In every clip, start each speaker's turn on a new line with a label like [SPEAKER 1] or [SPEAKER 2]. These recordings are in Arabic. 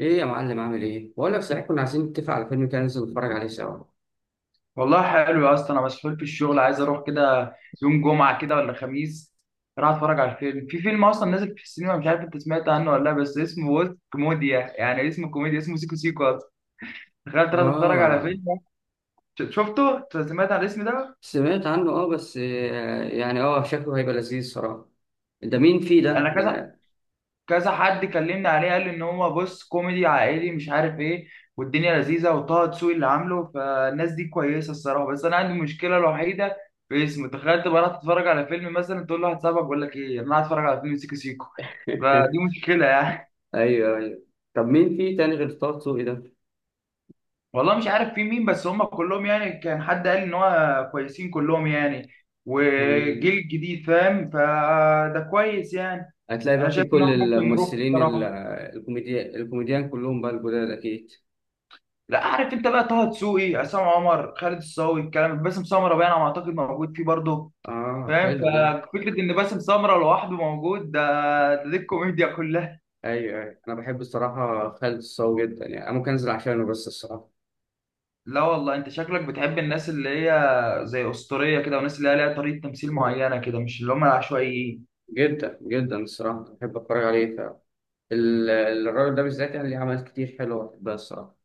[SPEAKER 1] ايه يا معلم، عامل ايه؟ بقول لك، صحيح كنا عايزين نتفق على فيلم كده، ننزل نتفرج عليه سوا.
[SPEAKER 2] والله حلو يا اسطى، انا مسحول في الشغل، عايز اروح كده يوم جمعه كده ولا خميس. اروح اتفرج على الفيلم. في فيلم اصلا نازل في السينما مش عارف انت سمعت عنه ولا لا، بس اسمه وسط كوميديا، يعني اسمه كوميديا، اسمه سيكو سيكو اصلا. تخيل تروح تتفرج على
[SPEAKER 1] اه،
[SPEAKER 2] فيلم شفته؟ سمعت عن الاسم ده؟
[SPEAKER 1] سمعت عنه. اه بس، يعني شكله هيبقى لذيذ الصراحة. ده مين فيه ده؟
[SPEAKER 2] انا كذا كذا حد كلمني عليه، قال لي ان هو بص كوميدي عائلي مش عارف ايه، والدنيا لذيذه، وطه دسوقي اللي عامله، فالناس دي كويسه الصراحه. بس انا عندي مشكله الوحيده في اسمه. تخيل تبقى رايح تتفرج على فيلم مثلا، تقول له واحد صاحبك بقول لك ايه، انا هتفرج على فيلم سيكو سيكو. فدي مشكله يعني.
[SPEAKER 1] ايوه، ايوه. طب مين فيه تاني غير طه دسوقي ده؟
[SPEAKER 2] والله مش عارف في مين، بس هم كلهم يعني كان حد قال ان هو كويسين كلهم يعني،
[SPEAKER 1] مم.
[SPEAKER 2] وجيل جديد فاهم، فده كويس يعني.
[SPEAKER 1] هتلاقي
[SPEAKER 2] انا
[SPEAKER 1] بقى
[SPEAKER 2] شايف
[SPEAKER 1] فيه
[SPEAKER 2] ان هو
[SPEAKER 1] كل
[SPEAKER 2] ممكن نروح
[SPEAKER 1] الممثلين
[SPEAKER 2] الصراحه.
[SPEAKER 1] الكوميديان كلهم بقى الجداد اكيد.
[SPEAKER 2] لا، عارف انت بقى طه دسوقي، عصام عمر، خالد الصاوي، الكلام، باسم سمره بقى انا اعتقد موجود فيه برضه.
[SPEAKER 1] اه،
[SPEAKER 2] فاهم؟
[SPEAKER 1] حلو ده.
[SPEAKER 2] ففكره ان باسم سمره لوحده موجود ده، دي الكوميديا كلها.
[SPEAKER 1] ايوه، ايوه، انا بحب الصراحة خالد الصاوي جدا، يعني انا ممكن انزل عشانه بس الصراحة.
[SPEAKER 2] لا والله انت شكلك بتحب الناس اللي هي زي اسطوريه كده، والناس اللي هي ليها طريقه تمثيل معينه كده، مش اللي هم العشوائيين.
[SPEAKER 1] جدا جدا الصراحة بحب اتفرج عليه. ال- الراجل ده بالذات، يعني ليه عمل كتير حلو بحبها الصراحة.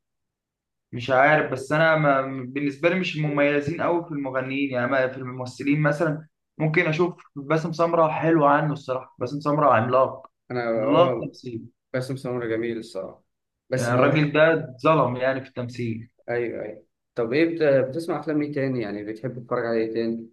[SPEAKER 2] مش عارف، بس انا ما بالنسبه لي مش المميزين قوي في المغنيين، يعني في الممثلين مثلا ممكن اشوف باسم سمره حلو عنه الصراحه. باسم سمره عملاق،
[SPEAKER 1] أنا،
[SPEAKER 2] عملاق تمثيل.
[SPEAKER 1] باسم سمرة جميل الصراحة. بس
[SPEAKER 2] يعني
[SPEAKER 1] ما
[SPEAKER 2] الراجل
[SPEAKER 1] بح
[SPEAKER 2] ده اتظلم يعني في التمثيل.
[SPEAKER 1] أيوه، أيوه. طب، بتسمع أفلام إيه تاني؟ يعني بتحب تتفرج على إيه تاني؟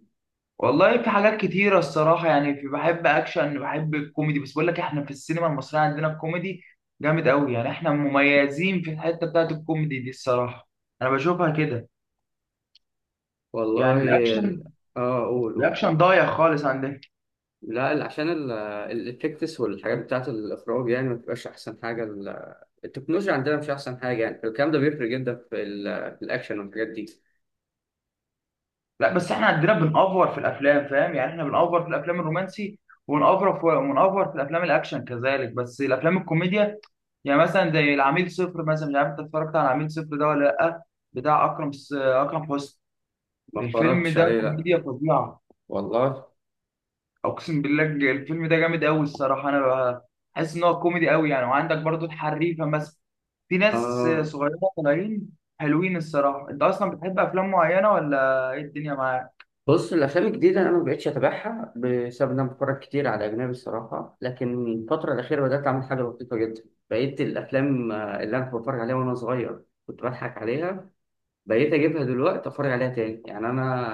[SPEAKER 2] والله في حاجات كتيرة الصراحة، يعني في بحب أكشن، بحب الكوميدي، بس بقول لك إحنا في السينما المصرية عندنا الكوميدي جامد أوي، يعني إحنا مميزين في الحتة بتاعت الكوميدي دي الصراحة. أنا بشوفها كده. يعني
[SPEAKER 1] والله، ال...
[SPEAKER 2] الأكشن،
[SPEAKER 1] آه قول، قول.
[SPEAKER 2] الأكشن ضايع خالص عندنا.
[SPEAKER 1] لا، عشان الإفكتس والحاجات بتاعة الإخراج، يعني ما بتبقاش أحسن حاجة. التكنولوجيا عندنا مش أحسن حاجة، يعني الكلام ده بيفرق جدا في الأكشن والحاجات دي.
[SPEAKER 2] لا بس احنا عندنا بنأفور في الافلام، فاهم؟ يعني احنا بنأفور في الافلام الرومانسي، ونأفور في الافلام الاكشن كذلك، بس الافلام الكوميديا يعني مثلا زي العميل صفر مثلا. مش عارف انت اتفرجت على العميل صفر ده ولا لا، بتاع اكرم حسني.
[SPEAKER 1] ما
[SPEAKER 2] الفيلم
[SPEAKER 1] اتفرجتش
[SPEAKER 2] ده
[SPEAKER 1] عليه، لا،
[SPEAKER 2] كوميديا فظيعه.
[SPEAKER 1] والله.
[SPEAKER 2] اقسم بالله، الفيلم ده جامد قوي الصراحه. حاسس ان هو كوميدي قوي يعني. وعندك برضو الحريفه مثلا. في ناس
[SPEAKER 1] آه.
[SPEAKER 2] صغيره طالعين حلوين الصراحه. انت اصلا بتحب افلام معينه ولا ايه الدنيا معاك؟
[SPEAKER 1] بص، الافلام الجديده انا ما بقتش اتابعها بسبب ان انا بتفرج كتير على اجنبي الصراحه. لكن الفتره الاخيره بدات اعمل حاجه لطيفه جدا. بقيت الافلام، اللي انا كنت بتفرج عليها وانا صغير كنت بضحك عليها، بقيت اجيبها دلوقتي اتفرج عليها تاني. يعني انا،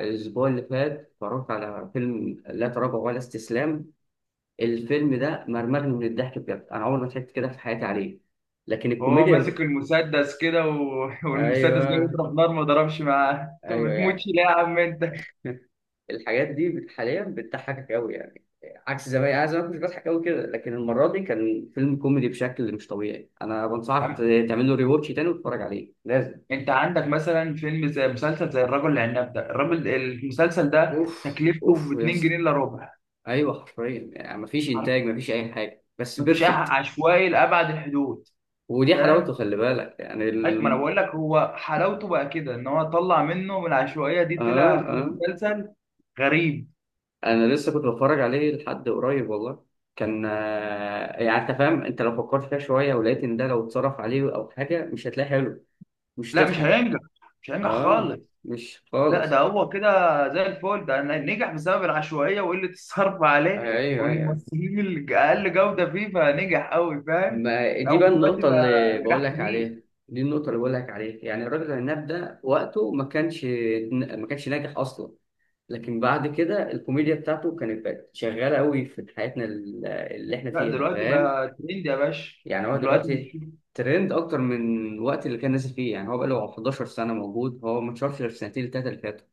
[SPEAKER 1] الاسبوع اللي فات اتفرجت على فيلم لا تراجع ولا استسلام. الفيلم ده مرمرني من الضحك، بجد انا عمري ما ضحكت كده في حياتي عليه. لكن
[SPEAKER 2] هو
[SPEAKER 1] الكوميديا...
[SPEAKER 2] ماسك المسدس كده و... والمسدس جاي
[SPEAKER 1] ايوه،
[SPEAKER 2] يضرب نار، ما ضربش معاه. انت ما
[SPEAKER 1] ايوه. يعني
[SPEAKER 2] بتموتش ليه يا عم انت؟
[SPEAKER 1] الحاجات دي حاليا بتضحكك قوي، يعني عكس زمان، انا زمان كنت بضحك قوي كده، لكن المره دي كان فيلم كوميدي بشكل مش طبيعي. انا بنصحك
[SPEAKER 2] عم-
[SPEAKER 1] تعمل له ريواتش تاني وتتفرج عليه لازم.
[SPEAKER 2] انت عندك مثلا فيلم زي مسلسل زي الرجل العناب ده، الراجل المسلسل ده
[SPEAKER 1] اوف،
[SPEAKER 2] تكلفته ب
[SPEAKER 1] اوف يا
[SPEAKER 2] 2
[SPEAKER 1] اسطى.
[SPEAKER 2] جنيه الا ربع.
[SPEAKER 1] ايوه، حرفيا يعني مفيش
[SPEAKER 2] عارف؟
[SPEAKER 1] انتاج، مفيش اي حاجه، بس
[SPEAKER 2] مفيش
[SPEAKER 1] بيرفكت.
[SPEAKER 2] عشوائي لابعد الحدود،
[SPEAKER 1] ودي
[SPEAKER 2] فاهم؟
[SPEAKER 1] حلاوته، خلي بالك يعني
[SPEAKER 2] ما انا بقول لك هو حلاوته بقى كده، ان هو طلع منه من العشوائيه دي، طلع
[SPEAKER 1] اه،
[SPEAKER 2] في
[SPEAKER 1] اه.
[SPEAKER 2] مسلسل غريب.
[SPEAKER 1] انا لسه كنت بتفرج عليه لحد قريب والله. كان، يعني انت فاهم، انت لو فكرت فيها شويه ولقيت ان ده لو اتصرف عليه او حاجه مش هتلاقيه حلو. مش
[SPEAKER 2] لا مش
[SPEAKER 1] تضحك.
[SPEAKER 2] هينجح، مش هينجح
[SPEAKER 1] اه،
[SPEAKER 2] خالص.
[SPEAKER 1] مش
[SPEAKER 2] لا ده
[SPEAKER 1] خالص.
[SPEAKER 2] هو كده زي الفل، ده نجح بسبب العشوائية وقلة الصرف عليه،
[SPEAKER 1] ايوه، ايوه.
[SPEAKER 2] والممثلين اللي أقل جودة فيه، فنجح أوي. فاهم؟
[SPEAKER 1] ما
[SPEAKER 2] لا،
[SPEAKER 1] دي بقى
[SPEAKER 2] ودلوقتي
[SPEAKER 1] النقطة
[SPEAKER 2] بقى
[SPEAKER 1] اللي بقول
[SPEAKER 2] نجاح
[SPEAKER 1] لك
[SPEAKER 2] كبير.
[SPEAKER 1] عليها. دي النقطة اللي بقول لك عليها، يعني الراجل العناب ده وقته ما كانش ناجح أصلا. لكن بعد كده الكوميديا بتاعته كانت بقت شغالة قوي في حياتنا اللي احنا
[SPEAKER 2] لا،
[SPEAKER 1] فيها،
[SPEAKER 2] دلوقتي
[SPEAKER 1] فاهم.
[SPEAKER 2] بقى ترند يا باشا.
[SPEAKER 1] يعني هو
[SPEAKER 2] دلوقتي
[SPEAKER 1] دلوقتي
[SPEAKER 2] مش،
[SPEAKER 1] ترند أكتر من الوقت اللي كان نازل فيه، يعني هو بقى له 11 سنة موجود، هو ما اتشهرش غير في السنتين التلاتة اللي فاتوا.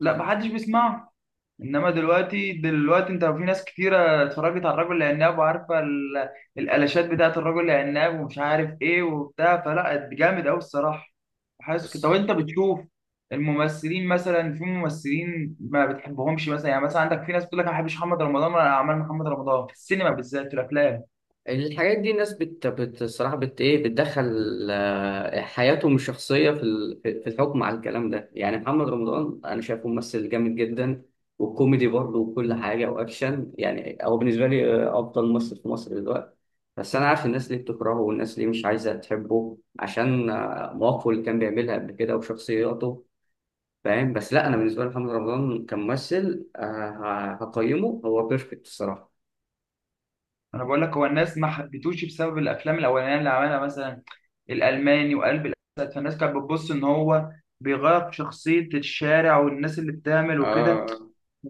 [SPEAKER 2] لا محدش بيسمعه. انما دلوقتي انت في ناس كتيره اتفرجت على الرجل العناب وعارفه الالاشات بتاعت الرجل العناب ومش عارف ايه وبتاع، فلا جامد قوي الصراحه. حاسس كده. طب
[SPEAKER 1] بس
[SPEAKER 2] انت بتشوف الممثلين مثلا؟ في ممثلين ما بتحبهمش مثلا؟ يعني مثلا عندك في ناس بتقول لك انا ما بحبش محمد رمضان ولا اعمال محمد رمضان في السينما، بالذات في الافلام.
[SPEAKER 1] الحاجات دي الناس الصراحة إيه، بتدخل حياتهم الشخصية في ال- في في الحكم على الكلام ده. يعني محمد رمضان، أنا شايفه ممثل جامد جدا، وكوميدي برضه، وكل حاجة وأكشن. يعني هو بالنسبة لي، أفضل ممثل في مصر دلوقتي. بس أنا عارف الناس ليه بتكرهه والناس ليه مش عايزة تحبه، عشان، مواقفه اللي كان بيعملها قبل كده وشخصياته، فاهم. بس لا، أنا بالنسبة لي محمد رمضان كممثل، هقيمه هو بيرفكت الصراحة.
[SPEAKER 2] انا بقول لك هو الناس ما حبيتوش بسبب الافلام الاولانيه اللي عملها، مثلا الالماني وقلب الاسد، فالناس كانت بتبص ان هو بيغير في شخصيه الشارع والناس اللي بتعمل وكده.
[SPEAKER 1] آه،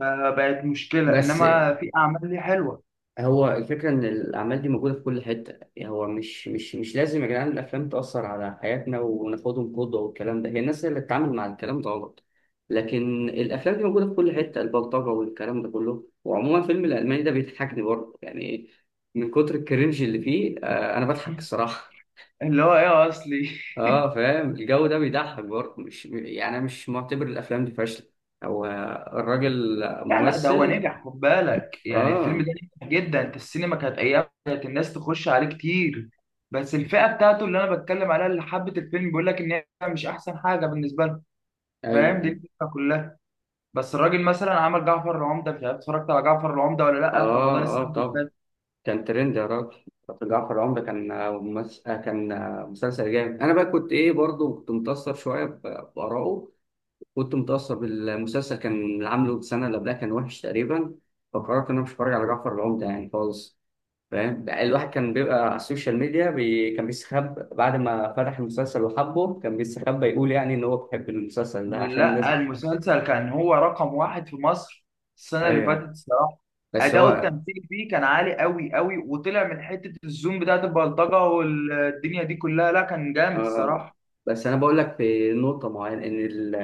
[SPEAKER 2] فبقت مشكلة،
[SPEAKER 1] بس،
[SPEAKER 2] إنما في أعمال ليه حلوة.
[SPEAKER 1] هو الفكرة إن الأعمال دي موجودة في كل حتة، يعني هو مش لازم يا جدعان الأفلام تأثر على حياتنا وناخدهم قدوة والكلام ده. هي الناس هي اللي بتتعامل مع الكلام ده غلط. لكن الأفلام دي موجودة في كل حتة، البلطجة والكلام ده كله. وعموما فيلم الألماني ده بيضحكني برضه، يعني من كتر الكرنج اللي فيه، أنا بضحك الصراحة.
[SPEAKER 2] اللي هو إيه أصلي.
[SPEAKER 1] فاهم، الجو ده بيضحك برضه، مش يعني أنا مش معتبر الأفلام دي فاشلة. هو الراجل
[SPEAKER 2] لا لا، ده هو
[SPEAKER 1] ممثل.
[SPEAKER 2] نجح خد بالك، يعني الفيلم
[SPEAKER 1] أه.
[SPEAKER 2] ده نجح جدا. أنت السينما كانت أيام كانت الناس تخش عليه كتير، بس الفئة بتاعته اللي أنا بتكلم عليها اللي حبت الفيلم، بيقول لك إن هي مش أحسن حاجة بالنسبة لهم.
[SPEAKER 1] أيوه،
[SPEAKER 2] فاهم؟ دي
[SPEAKER 1] أيوه.
[SPEAKER 2] الفكرة كلها. بس الراجل مثلا عمل جعفر العمدة، مش عارف اتفرجت على جعفر العمدة ولا لأ في رمضان
[SPEAKER 1] أه، أه،
[SPEAKER 2] السنة اللي
[SPEAKER 1] طبعا.
[SPEAKER 2] فاتت.
[SPEAKER 1] كان ترند يا راجل. كابتن جعفر العمدة، كان آه، ممس... آه، كان آه، مسلسل جامد. أنا بقى كنت إيه برضه كنت متأثر شوية بآرائه، كنت متأثر بالمسلسل. كان اللي عامله السنة اللي قبلها كان وحش تقريبا، فقررت إن أنا مش هتفرج على جعفر العمدة يعني خالص. فاهم بقى، الواحد كان بيبقى على السوشيال ميديا، كان بيستخبى، بعد ما فتح المسلسل وحبه كان بيستخبى يقول يعني إن هو بيحب المسلسل ده عشان الناس.
[SPEAKER 2] لا المسلسل كان هو رقم واحد في مصر السنة اللي فاتت
[SPEAKER 1] أيوه.
[SPEAKER 2] الصراحة.
[SPEAKER 1] بس
[SPEAKER 2] أداؤه
[SPEAKER 1] هو
[SPEAKER 2] التمثيلي فيه كان عالي قوي قوي، وطلع من حتة الزوم بتاعت البلطجة والدنيا دي كلها، لا كان جامد
[SPEAKER 1] آه
[SPEAKER 2] الصراحة.
[SPEAKER 1] بس انا بقول لك في نقطه معينه ان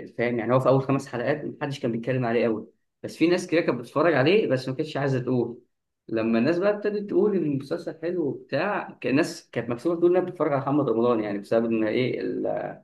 [SPEAKER 1] الفهم. يعني هو في اول خمس حلقات محدش كان بيتكلم عليه قوي، بس في ناس كده كانت بتتفرج عليه بس ما كانتش عايزه تقول. لما الناس بقى ابتدت تقول ان المسلسل حلو وبتاع، كان الناس كانت مكسوفه تقول انها بتتفرج على محمد رمضان، يعني بسبب ان ايه،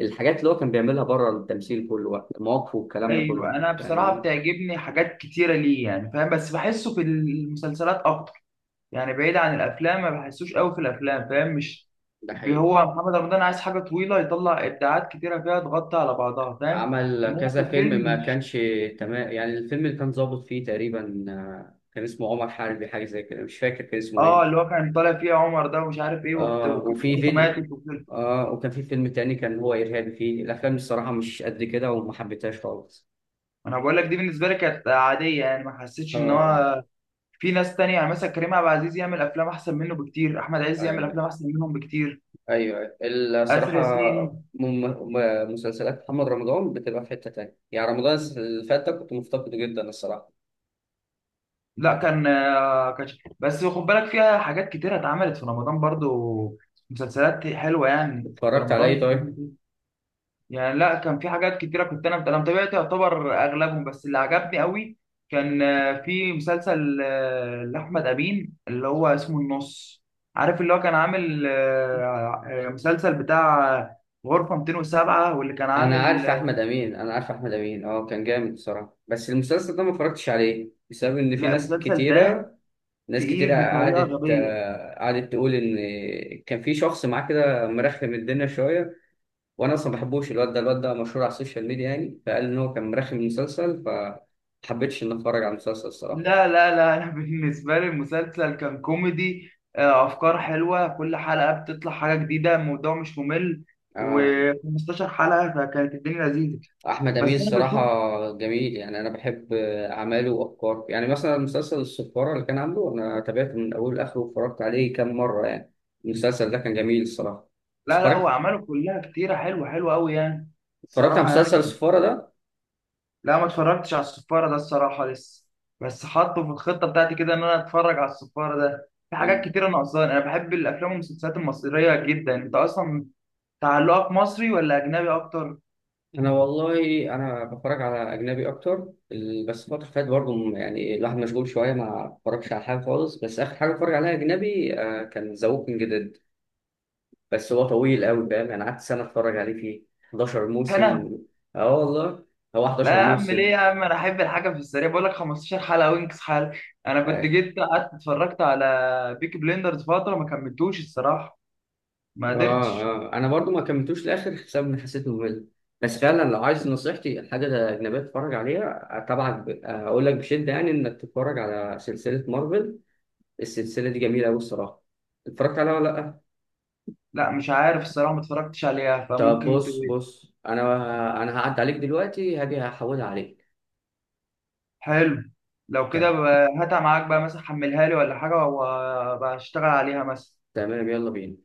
[SPEAKER 1] الحاجات اللي هو كان بيعملها بره التمثيل كله، بقى مواقفه والكلام ده كله.
[SPEAKER 2] أيوة، أنا بصراحة
[SPEAKER 1] فاهمني.
[SPEAKER 2] بتعجبني حاجات كتيرة ليه يعني، فاهم؟ بس بحسه في المسلسلات أكتر، يعني بعيد عن الأفلام ما بحسوش قوي في الأفلام، فاهم؟ مش
[SPEAKER 1] ده حقيقي.
[SPEAKER 2] هو محمد رمضان عايز حاجة طويلة يطلع إبداعات كتيرة فيها تغطي على بعضها، فاهم؟
[SPEAKER 1] عمل
[SPEAKER 2] إنما في
[SPEAKER 1] كذا فيلم ما
[SPEAKER 2] الفيلم.
[SPEAKER 1] كانش تمام، يعني الفيلم اللي كان ظابط فيه تقريبا، كان اسمه عمر حربي، حاجه زي كده، مش فاكر كان اسمه
[SPEAKER 2] اه اللي
[SPEAKER 1] ايه.
[SPEAKER 2] هو كان طالع فيه عمر ده، ومش عارف ايه
[SPEAKER 1] اه
[SPEAKER 2] وكان
[SPEAKER 1] وفي
[SPEAKER 2] مراته
[SPEAKER 1] فيديو.
[SPEAKER 2] ماتت وكده.
[SPEAKER 1] اه وكان في فيلم تاني كان هو إرهابي فيه. الأفلام الصراحة مش قد كده وما حبيتهاش خالص.
[SPEAKER 2] انا بقول لك دي بالنسبه لي كانت عاديه، يعني ما حسيتش
[SPEAKER 1] اه،
[SPEAKER 2] ان
[SPEAKER 1] اه.
[SPEAKER 2] هو. في ناس تانية يعني مثلا كريم عبد العزيز يعمل افلام احسن منه بكتير، احمد عز يعمل
[SPEAKER 1] ايوه،
[SPEAKER 2] افلام احسن منهم بكتير،
[SPEAKER 1] ايوه، أيوة.
[SPEAKER 2] اسر
[SPEAKER 1] الصراحة.
[SPEAKER 2] ياسين.
[SPEAKER 1] مم- مسلسلات محمد رمضان بتبقى في حتة تانية، يعني رمضان اللي فات ده كنت مفتقده جدا الصراحة.
[SPEAKER 2] لا كان كان. بس خد بالك فيها حاجات كتيره اتعملت في رمضان برضو، مسلسلات حلوه يعني في
[SPEAKER 1] اتفرجت على ايه
[SPEAKER 2] رمضان.
[SPEAKER 1] طيب؟
[SPEAKER 2] يعني لا، كان في حاجات كتيرة كنت أنا متابعت يعتبر أغلبهم، بس اللي عجبني قوي كان في مسلسل لأحمد أمين اللي هو اسمه النص. عارف اللي هو كان عامل مسلسل بتاع غرفة 207، واللي كان
[SPEAKER 1] أنا
[SPEAKER 2] عامل
[SPEAKER 1] عارف أحمد أمين، أنا عارف أحمد أمين، كان جامد الصراحة، بس المسلسل ده ما اتفرجتش عليه بسبب إن في
[SPEAKER 2] لا
[SPEAKER 1] ناس
[SPEAKER 2] المسلسل ده
[SPEAKER 1] كتيرة، ناس كتير
[SPEAKER 2] تقيل بطريقة
[SPEAKER 1] قعدت
[SPEAKER 2] غبية.
[SPEAKER 1] آه، قعدت تقول ان كان في شخص معاه كده مرخم الدنيا شويه. وانا اصلا ما بحبوش الواد ده، الواد ده مشهور على السوشيال ميديا، يعني فقال ان هو كان مرخم المسلسل فما حبيتش ان اتفرج على المسلسل الصراحه.
[SPEAKER 2] لا لا لا أنا بالنسبة لي المسلسل كان كوميدي، أفكار حلوة، كل حلقة بتطلع حاجة جديدة، الموضوع مش ممل،
[SPEAKER 1] آه،
[SPEAKER 2] و15 حلقة، فكانت الدنيا لذيذة.
[SPEAKER 1] احمد امين
[SPEAKER 2] بس انا
[SPEAKER 1] الصراحه
[SPEAKER 2] بشوف،
[SPEAKER 1] جميل، يعني انا بحب، اعماله وافكاره. يعني مثلا مسلسل الصفاره اللي كان عامله، انا تابعته من اوله لاخره واتفرجت عليه كام مره. يعني المسلسل ده كان جميل الصراحه.
[SPEAKER 2] لا لا هو
[SPEAKER 1] اتفرجت
[SPEAKER 2] اعماله كلها كتيره، حلوه حلوه قوي يعني.
[SPEAKER 1] اتفرجت على
[SPEAKER 2] الصراحه
[SPEAKER 1] مسلسل
[SPEAKER 2] يعني
[SPEAKER 1] الصفاره
[SPEAKER 2] لا، ما اتفرجتش على السفاره ده الصراحه لسه، بس حاطه في الخطه بتاعتي كده ان انا اتفرج على السفاره ده. في
[SPEAKER 1] ده.
[SPEAKER 2] حاجات كتيره ناقصاني. انا بحب الافلام والمسلسلات المصريه جدا. انت اصلا تعلقك مصري ولا اجنبي اكتر؟
[SPEAKER 1] انا والله انا بتفرج على اجنبي اكتر. بس الفتره اللي فاتت برضه يعني الواحد مشغول شويه ما بتفرجش على حاجه خالص، بس اخر حاجه اتفرج عليها اجنبي، كان ذا ووكينج ديد. بس هو طويل قوي فاهم، انا قعدت سنه اتفرج عليه فيه 11
[SPEAKER 2] هنا.
[SPEAKER 1] موسم. اه، والله هو
[SPEAKER 2] لا
[SPEAKER 1] 11
[SPEAKER 2] يا عم، ليه
[SPEAKER 1] موسم.
[SPEAKER 2] يا عم، انا احب الحاجه في السريع، بقول لك 15 حلقه وينكس حلقه. انا كنت
[SPEAKER 1] اه،
[SPEAKER 2] جيت قعدت اتفرجت على بيكي بليندرز فتره ما كملتوش الصراحه، ما
[SPEAKER 1] اه،
[SPEAKER 2] قدرتش.
[SPEAKER 1] آه. انا برضه ما كملتوش لاخر بسبب ان حسيت ممل. بس فعلا، لو عايز نصيحتي حاجه اجنبيه تتفرج عليها، آه، طبعا ب- آه، هقول لك بشده يعني انك تتفرج على سلسله مارفل. السلسلة دي جميلة أوي الصراحة. اتفرجت عليها ولا لأ؟
[SPEAKER 2] لا مش عارف الصراحة ما اتفرجتش عليها،
[SPEAKER 1] طب
[SPEAKER 2] فممكن ت...
[SPEAKER 1] بص، بص. أنا هعدي عليك دلوقتي، هاجي هحولها عليك.
[SPEAKER 2] حلو. لو كده
[SPEAKER 1] ت-
[SPEAKER 2] هاتها معاك بقى مثلا، حملها لي ولا حاجة وبشتغل عليها مثلا.
[SPEAKER 1] تمام، يلا بينا.